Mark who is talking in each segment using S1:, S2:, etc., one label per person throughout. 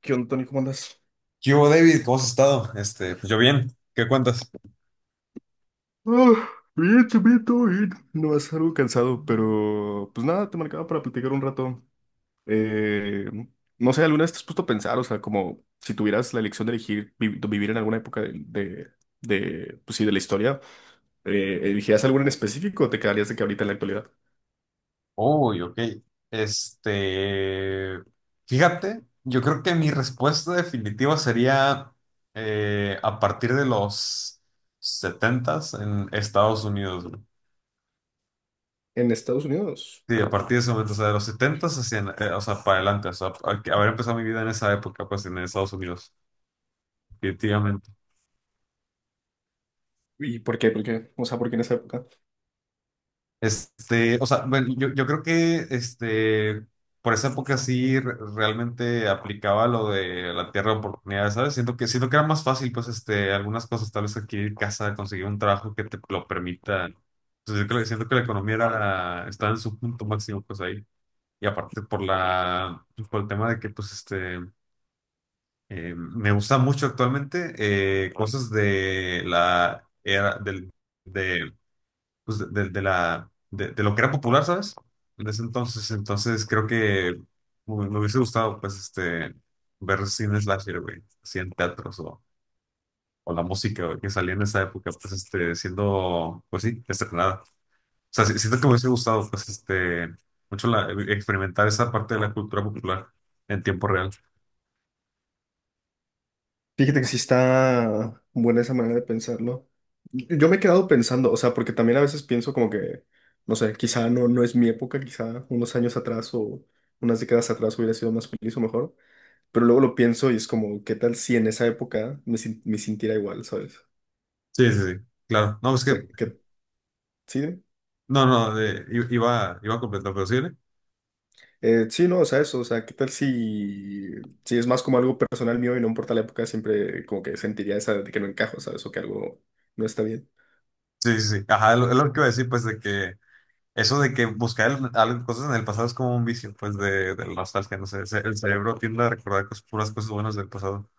S1: ¿Qué onda, Tony? ¿Cómo andas?
S2: ¿Qué hubo, David? ¿Cómo has estado? Pues yo bien. ¿Qué cuentas?
S1: Ah, bien, bien, todo bien. No, es algo cansado, pero pues nada, te marcaba para platicar un rato. Eh, no sé, ¿alguna vez te has puesto a pensar, o sea, como si tuvieras la elección de elegir vivir en alguna época pues sí, de la historia, elegirías alguna en específico o te quedarías de que ahorita en la actualidad?
S2: Uy, ok. Este, Fíjate, yo creo que mi respuesta definitiva sería a partir de los setentas en Estados Unidos, güey.
S1: En Estados Unidos.
S2: Sí, a partir de ese momento, o sea, de los setentas hacia, o sea, para adelante, o sea, haber empezado mi vida en esa época, pues en Estados Unidos, definitivamente.
S1: ¿Y por qué? ¿Por qué? O sea, ¿por qué en esa época?
S2: O sea, bueno, yo creo que por esa época sí realmente aplicaba lo de la tierra de oportunidades, ¿sabes? Siento que era más fácil, pues, algunas cosas, tal vez adquirir casa, conseguir un trabajo que te lo permita. Entonces, yo creo, siento que la economía era, estaba en su punto máximo, pues, ahí. Y aparte por por el tema de que, pues, me gusta mucho actualmente cosas de la era pues, de lo que era popular, ¿sabes? En ese entonces, entonces creo que me hubiese gustado, pues, ver cine slasher, güey, así en teatros o, la música güey, que salía en esa época, pues, siendo, pues sí, estrenada. O sea, siento que me hubiese gustado, pues, mucho experimentar esa parte de la cultura popular en tiempo real.
S1: Fíjate que sí está buena esa manera de pensarlo. Yo me he quedado pensando, o sea, porque también a veces pienso como que, no sé, quizá no, no es mi época, quizá unos años atrás o unas décadas atrás hubiera sido más feliz o mejor, pero luego lo pienso y es como, ¿qué tal si en esa época me, sin- me sintiera igual, sabes? O
S2: Sí, sí, sí, claro. No, es que,
S1: sea, que, ¿sí? Dime.
S2: no, no, de- i- iba, iba a completar, pero sí, ¿eh?
S1: Sí, no, o sea, eso, o sea, ¿qué tal si es más como algo personal mío y no importa la época, siempre como que sentiría esa de que no encajo, sabes? O que algo no está bien.
S2: Sí, sí, sí. Ajá, es lo que iba a decir, pues, de que eso de que buscar cosas en el pasado es como un vicio, pues, de la nostalgia, no sé. El cerebro tiende a recordar puras cosas buenas del pasado.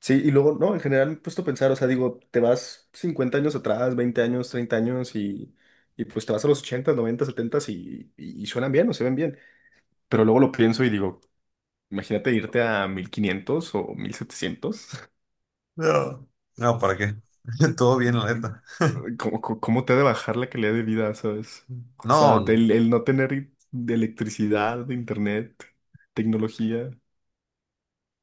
S1: Sí, y luego, no, en general me he puesto a pensar, o sea, digo, te vas 50 años atrás, 20 años, 30 años y pues te vas a los ochenta, noventa, 70 y suenan bien o se ven bien. Pero luego lo pienso y digo, imagínate irte a 1500 o 1700.
S2: No. No, ¿para qué? Todo bien, la neta.
S1: ¿Cómo te ha de bajar la calidad de vida, sabes? O sea,
S2: No,
S1: el no tener de electricidad, de internet, tecnología,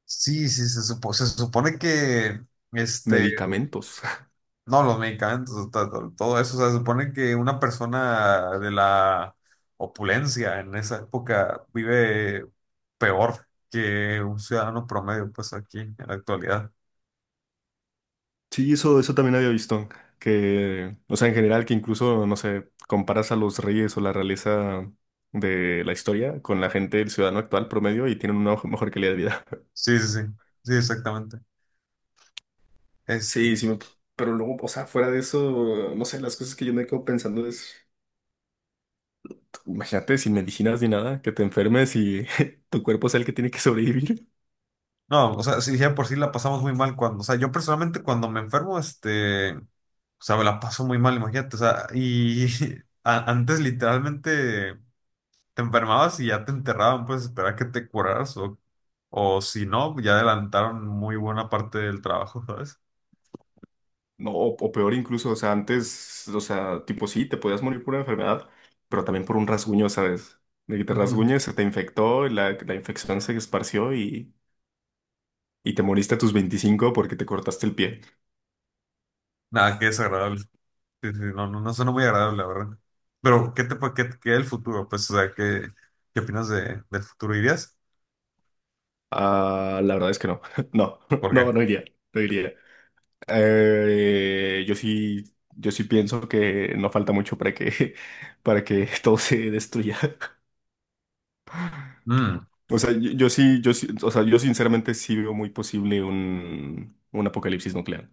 S2: sí, sí, se supone que, este,
S1: medicamentos.
S2: no, los medicamentos, todo, eso, o sea, se supone que una persona de la opulencia en esa época vive peor que un ciudadano promedio, pues, aquí, en la actualidad.
S1: Sí, eso también había visto. Que, o sea, en general, que incluso, no sé, comparas a los reyes o la realeza de la historia con la gente, el ciudadano actual promedio, y tienen una mejor calidad de vida.
S2: Sí, sí, sí, sí, exactamente. Este,
S1: Sí, sí, pero luego, o sea, fuera de eso, no sé, las cosas que yo me quedo pensando es. Imagínate sin medicinas ni nada, que te enfermes y tu cuerpo es el que tiene que sobrevivir.
S2: No, o sea, sí, ya por sí la pasamos muy mal cuando, o sea, yo personalmente cuando me enfermo, o sea, me la paso muy mal, imagínate, o sea, y antes literalmente te enfermabas y ya te enterraban, pues esperar que te curaras o, si no, ya adelantaron muy buena parte del trabajo, ¿sabes?
S1: No, o peor incluso, o sea, antes, o sea, tipo sí, te podías morir por una enfermedad, pero también por un rasguño, ¿sabes? De que te
S2: Ujú.
S1: rasguñes, se te infectó, la infección se esparció y te moriste a tus 25 porque te cortaste el pie.
S2: Nada, qué desagradable. Sí, sí, no, no, no suena muy agradable, la verdad. Pero, ¿qué te pa- qué, qué el futuro? Pues, o sea, ¿qué opinas del futuro? ¿Irías?
S1: Ah, la verdad es que no, no,
S2: ¿Por qué?
S1: no, no iría, no iría. Eh, yo sí, yo sí pienso que no falta mucho para que, para que todo se destruya. O sea, yo sí, o sea, yo sinceramente sí veo muy posible un apocalipsis nuclear.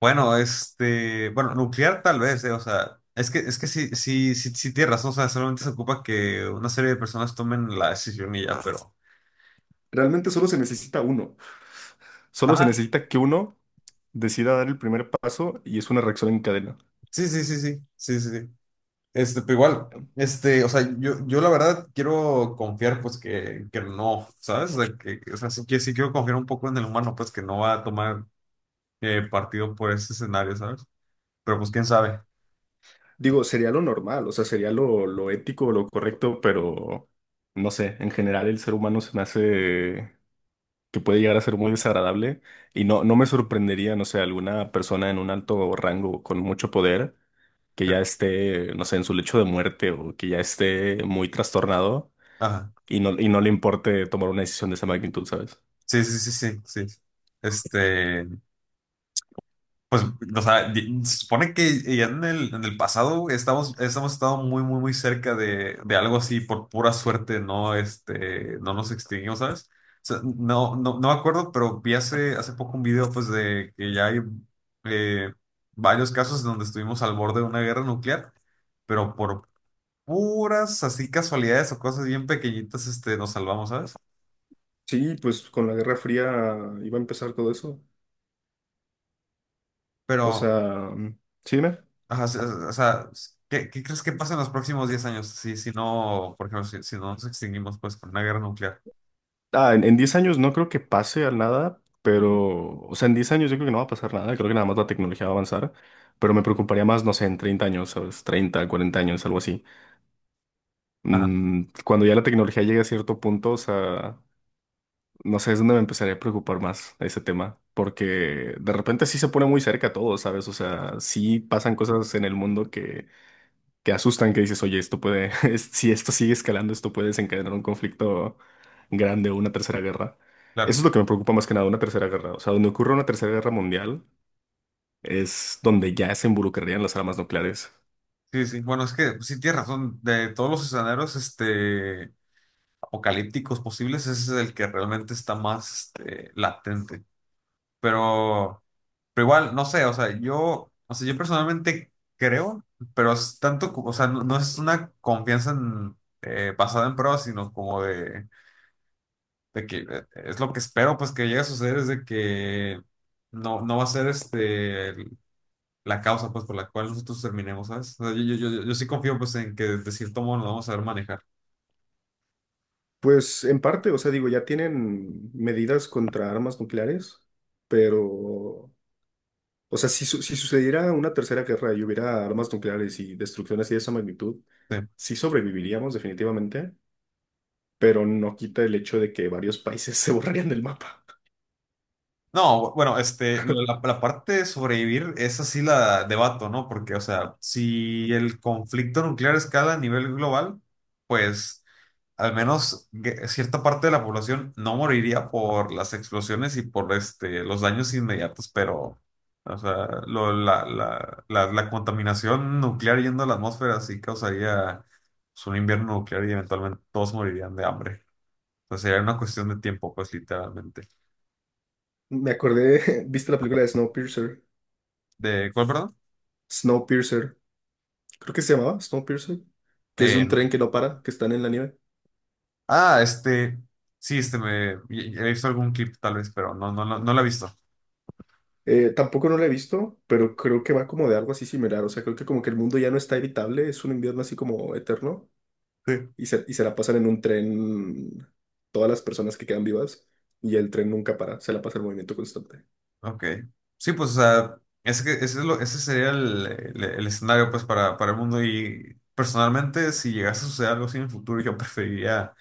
S2: Bueno, bueno, nuclear tal vez, o sea, es que sí, sí, sí, sí tienes razón, o sea, solamente se ocupa que una serie de personas tomen la decisión y ya, pero.
S1: Realmente solo se necesita uno. Solo se
S2: Ajá,
S1: necesita que uno decida dar el primer paso y es una reacción en cadena.
S2: sí, sí, sí, sí, sí, sí, sí. Pero igual, o sea, yo la verdad quiero confiar, pues, que no, ¿sabes? O sea, o sea, sí, que sí quiero confiar un poco en el humano, pues, que no va a tomar partido por ese escenario, ¿sabes? Pero pues, quién sabe.
S1: Digo, sería lo normal, o sea, sería lo ético, lo correcto, pero no sé, en general el ser humano se me hace que puede llegar a ser muy desagradable y no, no me sorprendería, no sé, alguna persona en un alto rango con mucho poder que
S2: Sí.
S1: ya esté, no sé, en su lecho de muerte o que ya esté muy trastornado
S2: Ajá,
S1: y no le importe tomar una decisión de esa magnitud, ¿sabes?
S2: sí, sí, sí, sí, sí. Este. Pues, o sea, se supone que ya en el pasado estamos estado muy, muy, muy cerca de algo así, por pura suerte, no, no nos extinguimos, ¿sabes? O sea, no me acuerdo, pero vi hace poco un video, pues, de que ya hay eh, varios casos donde estuvimos al borde de una guerra nuclear, pero por puras así casualidades o cosas bien pequeñitas, nos salvamos, ¿sabes?
S1: Sí, pues con la Guerra Fría iba a empezar todo eso. O
S2: Pero.
S1: sea, mm. Sí, dime.
S2: Ajá, o sea, ¿qué crees que pasa en los próximos 10 años? Si no, por ejemplo, si no nos extinguimos pues con una guerra nuclear.
S1: Ah, en 10 años no creo que pase al nada, pero, o sea, en 10 años yo creo que no va a pasar nada, creo que nada más la tecnología va a avanzar, pero me preocuparía más, no sé, en 30 años, ¿sabes? Treinta 40 años, algo así.
S2: Ajá,
S1: Cuando ya la tecnología llegue a cierto punto, o sea, no sé, es donde me empezaría a preocupar más ese tema, porque de repente sí se pone muy cerca todo, ¿sabes? O sea, sí pasan cosas en el mundo que asustan, que dices, oye, esto puede, si esto sigue escalando, esto puede desencadenar un conflicto grande o una tercera guerra. Eso
S2: claro.
S1: es lo que me preocupa más que nada, una tercera guerra. O sea, donde ocurra una tercera guerra mundial es donde ya se involucrarían las armas nucleares.
S2: Sí, sí. Bueno, es que sí tienes razón. De todos los escenarios apocalípticos posibles, ese es el que realmente está más latente. Pero, pero igual, no sé, o sea, o sea, yo personalmente creo, pero es tanto, o sea, no es una confianza en, basada en pruebas, sino como de que es lo que espero pues que llegue a suceder es de que no va a ser la causa pues por la cual nosotros terminemos, ¿sabes? O sea, yo sí confío pues en que de cierto modo nos vamos a saber manejar.
S1: Pues en parte, o sea, digo, ya tienen medidas contra armas nucleares, pero, o sea, si sucediera una tercera guerra y hubiera armas nucleares y destrucciones y de esa magnitud,
S2: Sí.
S1: sí sobreviviríamos definitivamente, pero no quita el hecho de que varios países se borrarían del mapa.
S2: No, bueno, la parte de sobrevivir es así la debato, ¿no? Porque, o sea, si el conflicto nuclear escala a nivel global, pues al menos cierta parte de la población no moriría por las explosiones y por los daños inmediatos, pero, o sea, la contaminación nuclear yendo a la atmósfera sí causaría pues, un invierno nuclear y eventualmente todos morirían de hambre. Entonces sería una cuestión de tiempo, pues literalmente.
S1: Me acordé, ¿viste la película de Snowpiercer?
S2: ¿De cuál, perdón?
S1: Snowpiercer, creo que se llamaba Snowpiercer, que es de un tren
S2: No.
S1: que no para, que están en la nieve.
S2: Ah, sí, he visto algún clip tal vez, pero no lo he visto.
S1: Tampoco no la he visto, pero creo que va como de algo así similar. O sea, creo que como que el mundo ya no está evitable, es un invierno así como eterno
S2: Sí.
S1: y se la pasan en un tren todas las personas que quedan vivas y el tren nunca para, se la pasa el movimiento constante.
S2: Ok. Sí, pues, o sea, es que ese, es lo, ese sería el escenario, pues, para el mundo. Y personalmente, si llegase a suceder algo así en el futuro, yo preferiría,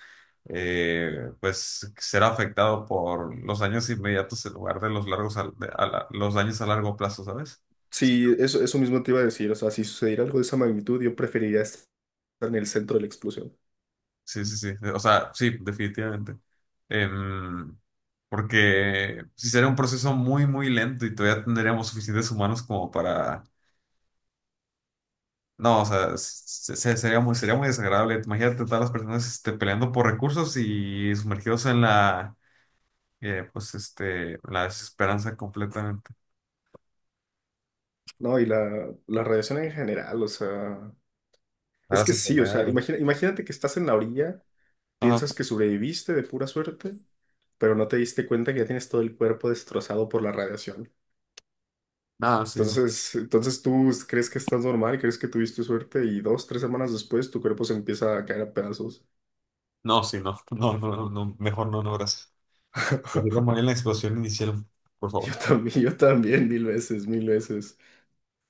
S2: pues, ser afectado por los daños inmediatos en lugar de los largos, los daños a largo plazo, ¿sabes?
S1: Sí, eso mismo te iba a decir. O sea, si sucediera algo de esa magnitud, yo preferiría estar en el centro de la explosión.
S2: Sí, sí, sí. O sea, sí, definitivamente. Em, Porque si sería un proceso muy, muy lento y todavía tendríamos suficientes humanos como para... No, o sea, sería muy desagradable. Imagínate todas las personas peleando por recursos y sumergidos en pues, la desesperanza completamente.
S1: No, y la radiación en general, o sea,
S2: A
S1: es
S2: las
S1: que sí, o sea,
S2: enfermedades.
S1: imagínate que estás en la orilla,
S2: Ajá.
S1: piensas que sobreviviste de pura suerte. Pero no te diste cuenta que ya tienes todo el cuerpo destrozado por la radiación.
S2: Nada, sí, no.
S1: Entonces tú crees que estás normal, crees que tuviste suerte y dos, tres semanas después tu cuerpo se empieza a caer a pedazos.
S2: No, sí, no. No, no, no, no. Mejor no, no, gracias. Prefiero morir en la explosión inicial, por favor.
S1: Yo también, 1000 veces, 1000 veces.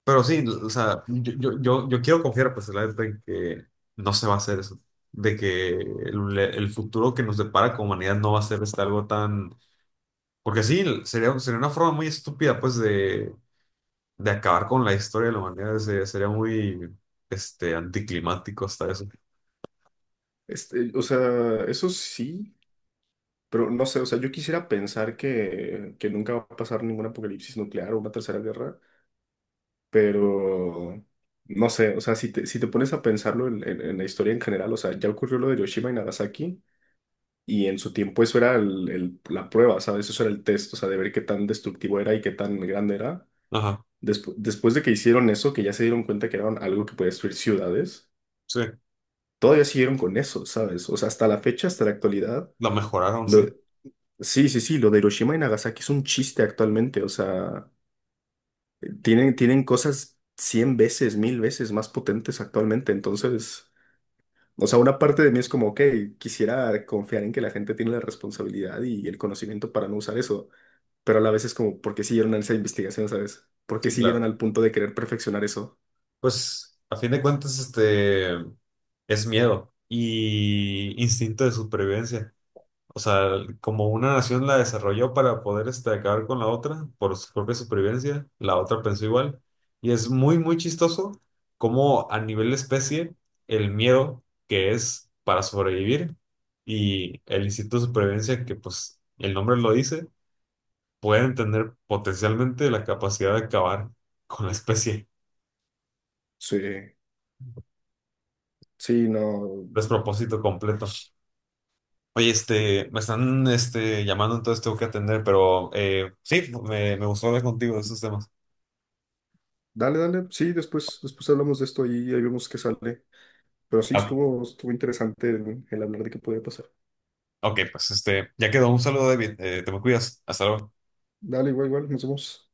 S2: Pero sí, o sea, yo quiero confiar, pues, la verdad, en que no se va a hacer eso. De que el futuro que nos depara como humanidad no va a ser algo tan... Porque sí, sería una forma muy estúpida, pues, de acabar con la historia de la humanidad. Sería muy, anticlimático hasta eso.
S1: O sea, eso sí, pero no sé, o sea, yo quisiera pensar que nunca va a pasar ningún apocalipsis nuclear o una tercera guerra, pero no sé, o sea, si te pones a pensarlo en la historia en general, o sea, ya ocurrió lo de Hiroshima y Nagasaki. Y en su tiempo eso era la prueba, ¿sabes? Eso era el test, o sea, de ver qué tan destructivo era y qué tan grande era.
S2: Ajá,
S1: Después de que hicieron eso, que ya se dieron cuenta que era algo que podía destruir ciudades,
S2: sí.
S1: todavía siguieron con eso, ¿sabes? O sea, hasta la fecha, hasta la actualidad.
S2: La mejoraron,
S1: Lo,
S2: sí.
S1: sí, sí, sí, lo de Hiroshima y Nagasaki es un chiste actualmente, o sea, tienen cosas 100 veces, 1000 veces más potentes actualmente, entonces... O sea, una parte de mí es como, ok, quisiera confiar en que la gente tiene la responsabilidad y el conocimiento para no usar eso. Pero a la vez es como, ¿por qué siguieron en esa investigación, sabes? ¿Por qué
S2: Sí,
S1: siguieron
S2: claro.
S1: al punto de querer perfeccionar eso?
S2: Pues, a fin de cuentas, es miedo y instinto de supervivencia. O sea, como una nación la desarrolló para poder acabar con la otra por su propia supervivencia, la otra pensó igual. Y es muy, muy chistoso cómo a nivel de especie el miedo que es para sobrevivir y el instinto de supervivencia que pues el nombre lo dice, pueden tener potencialmente la capacidad de acabar con la especie.
S1: Sí, sí, no.
S2: Despropósito completo. Oye, me están llamando, entonces tengo que atender, pero sí, me gustó hablar contigo de esos temas.
S1: Dale, dale, sí, después, después hablamos de esto y ahí vemos qué sale. Pero sí,
S2: Ah,
S1: estuvo, estuvo interesante el hablar de qué podía pasar.
S2: ok, pues ya quedó. Un saludo, David. Te me cuidas. Hasta luego.
S1: Dale, igual, igual, nos vemos.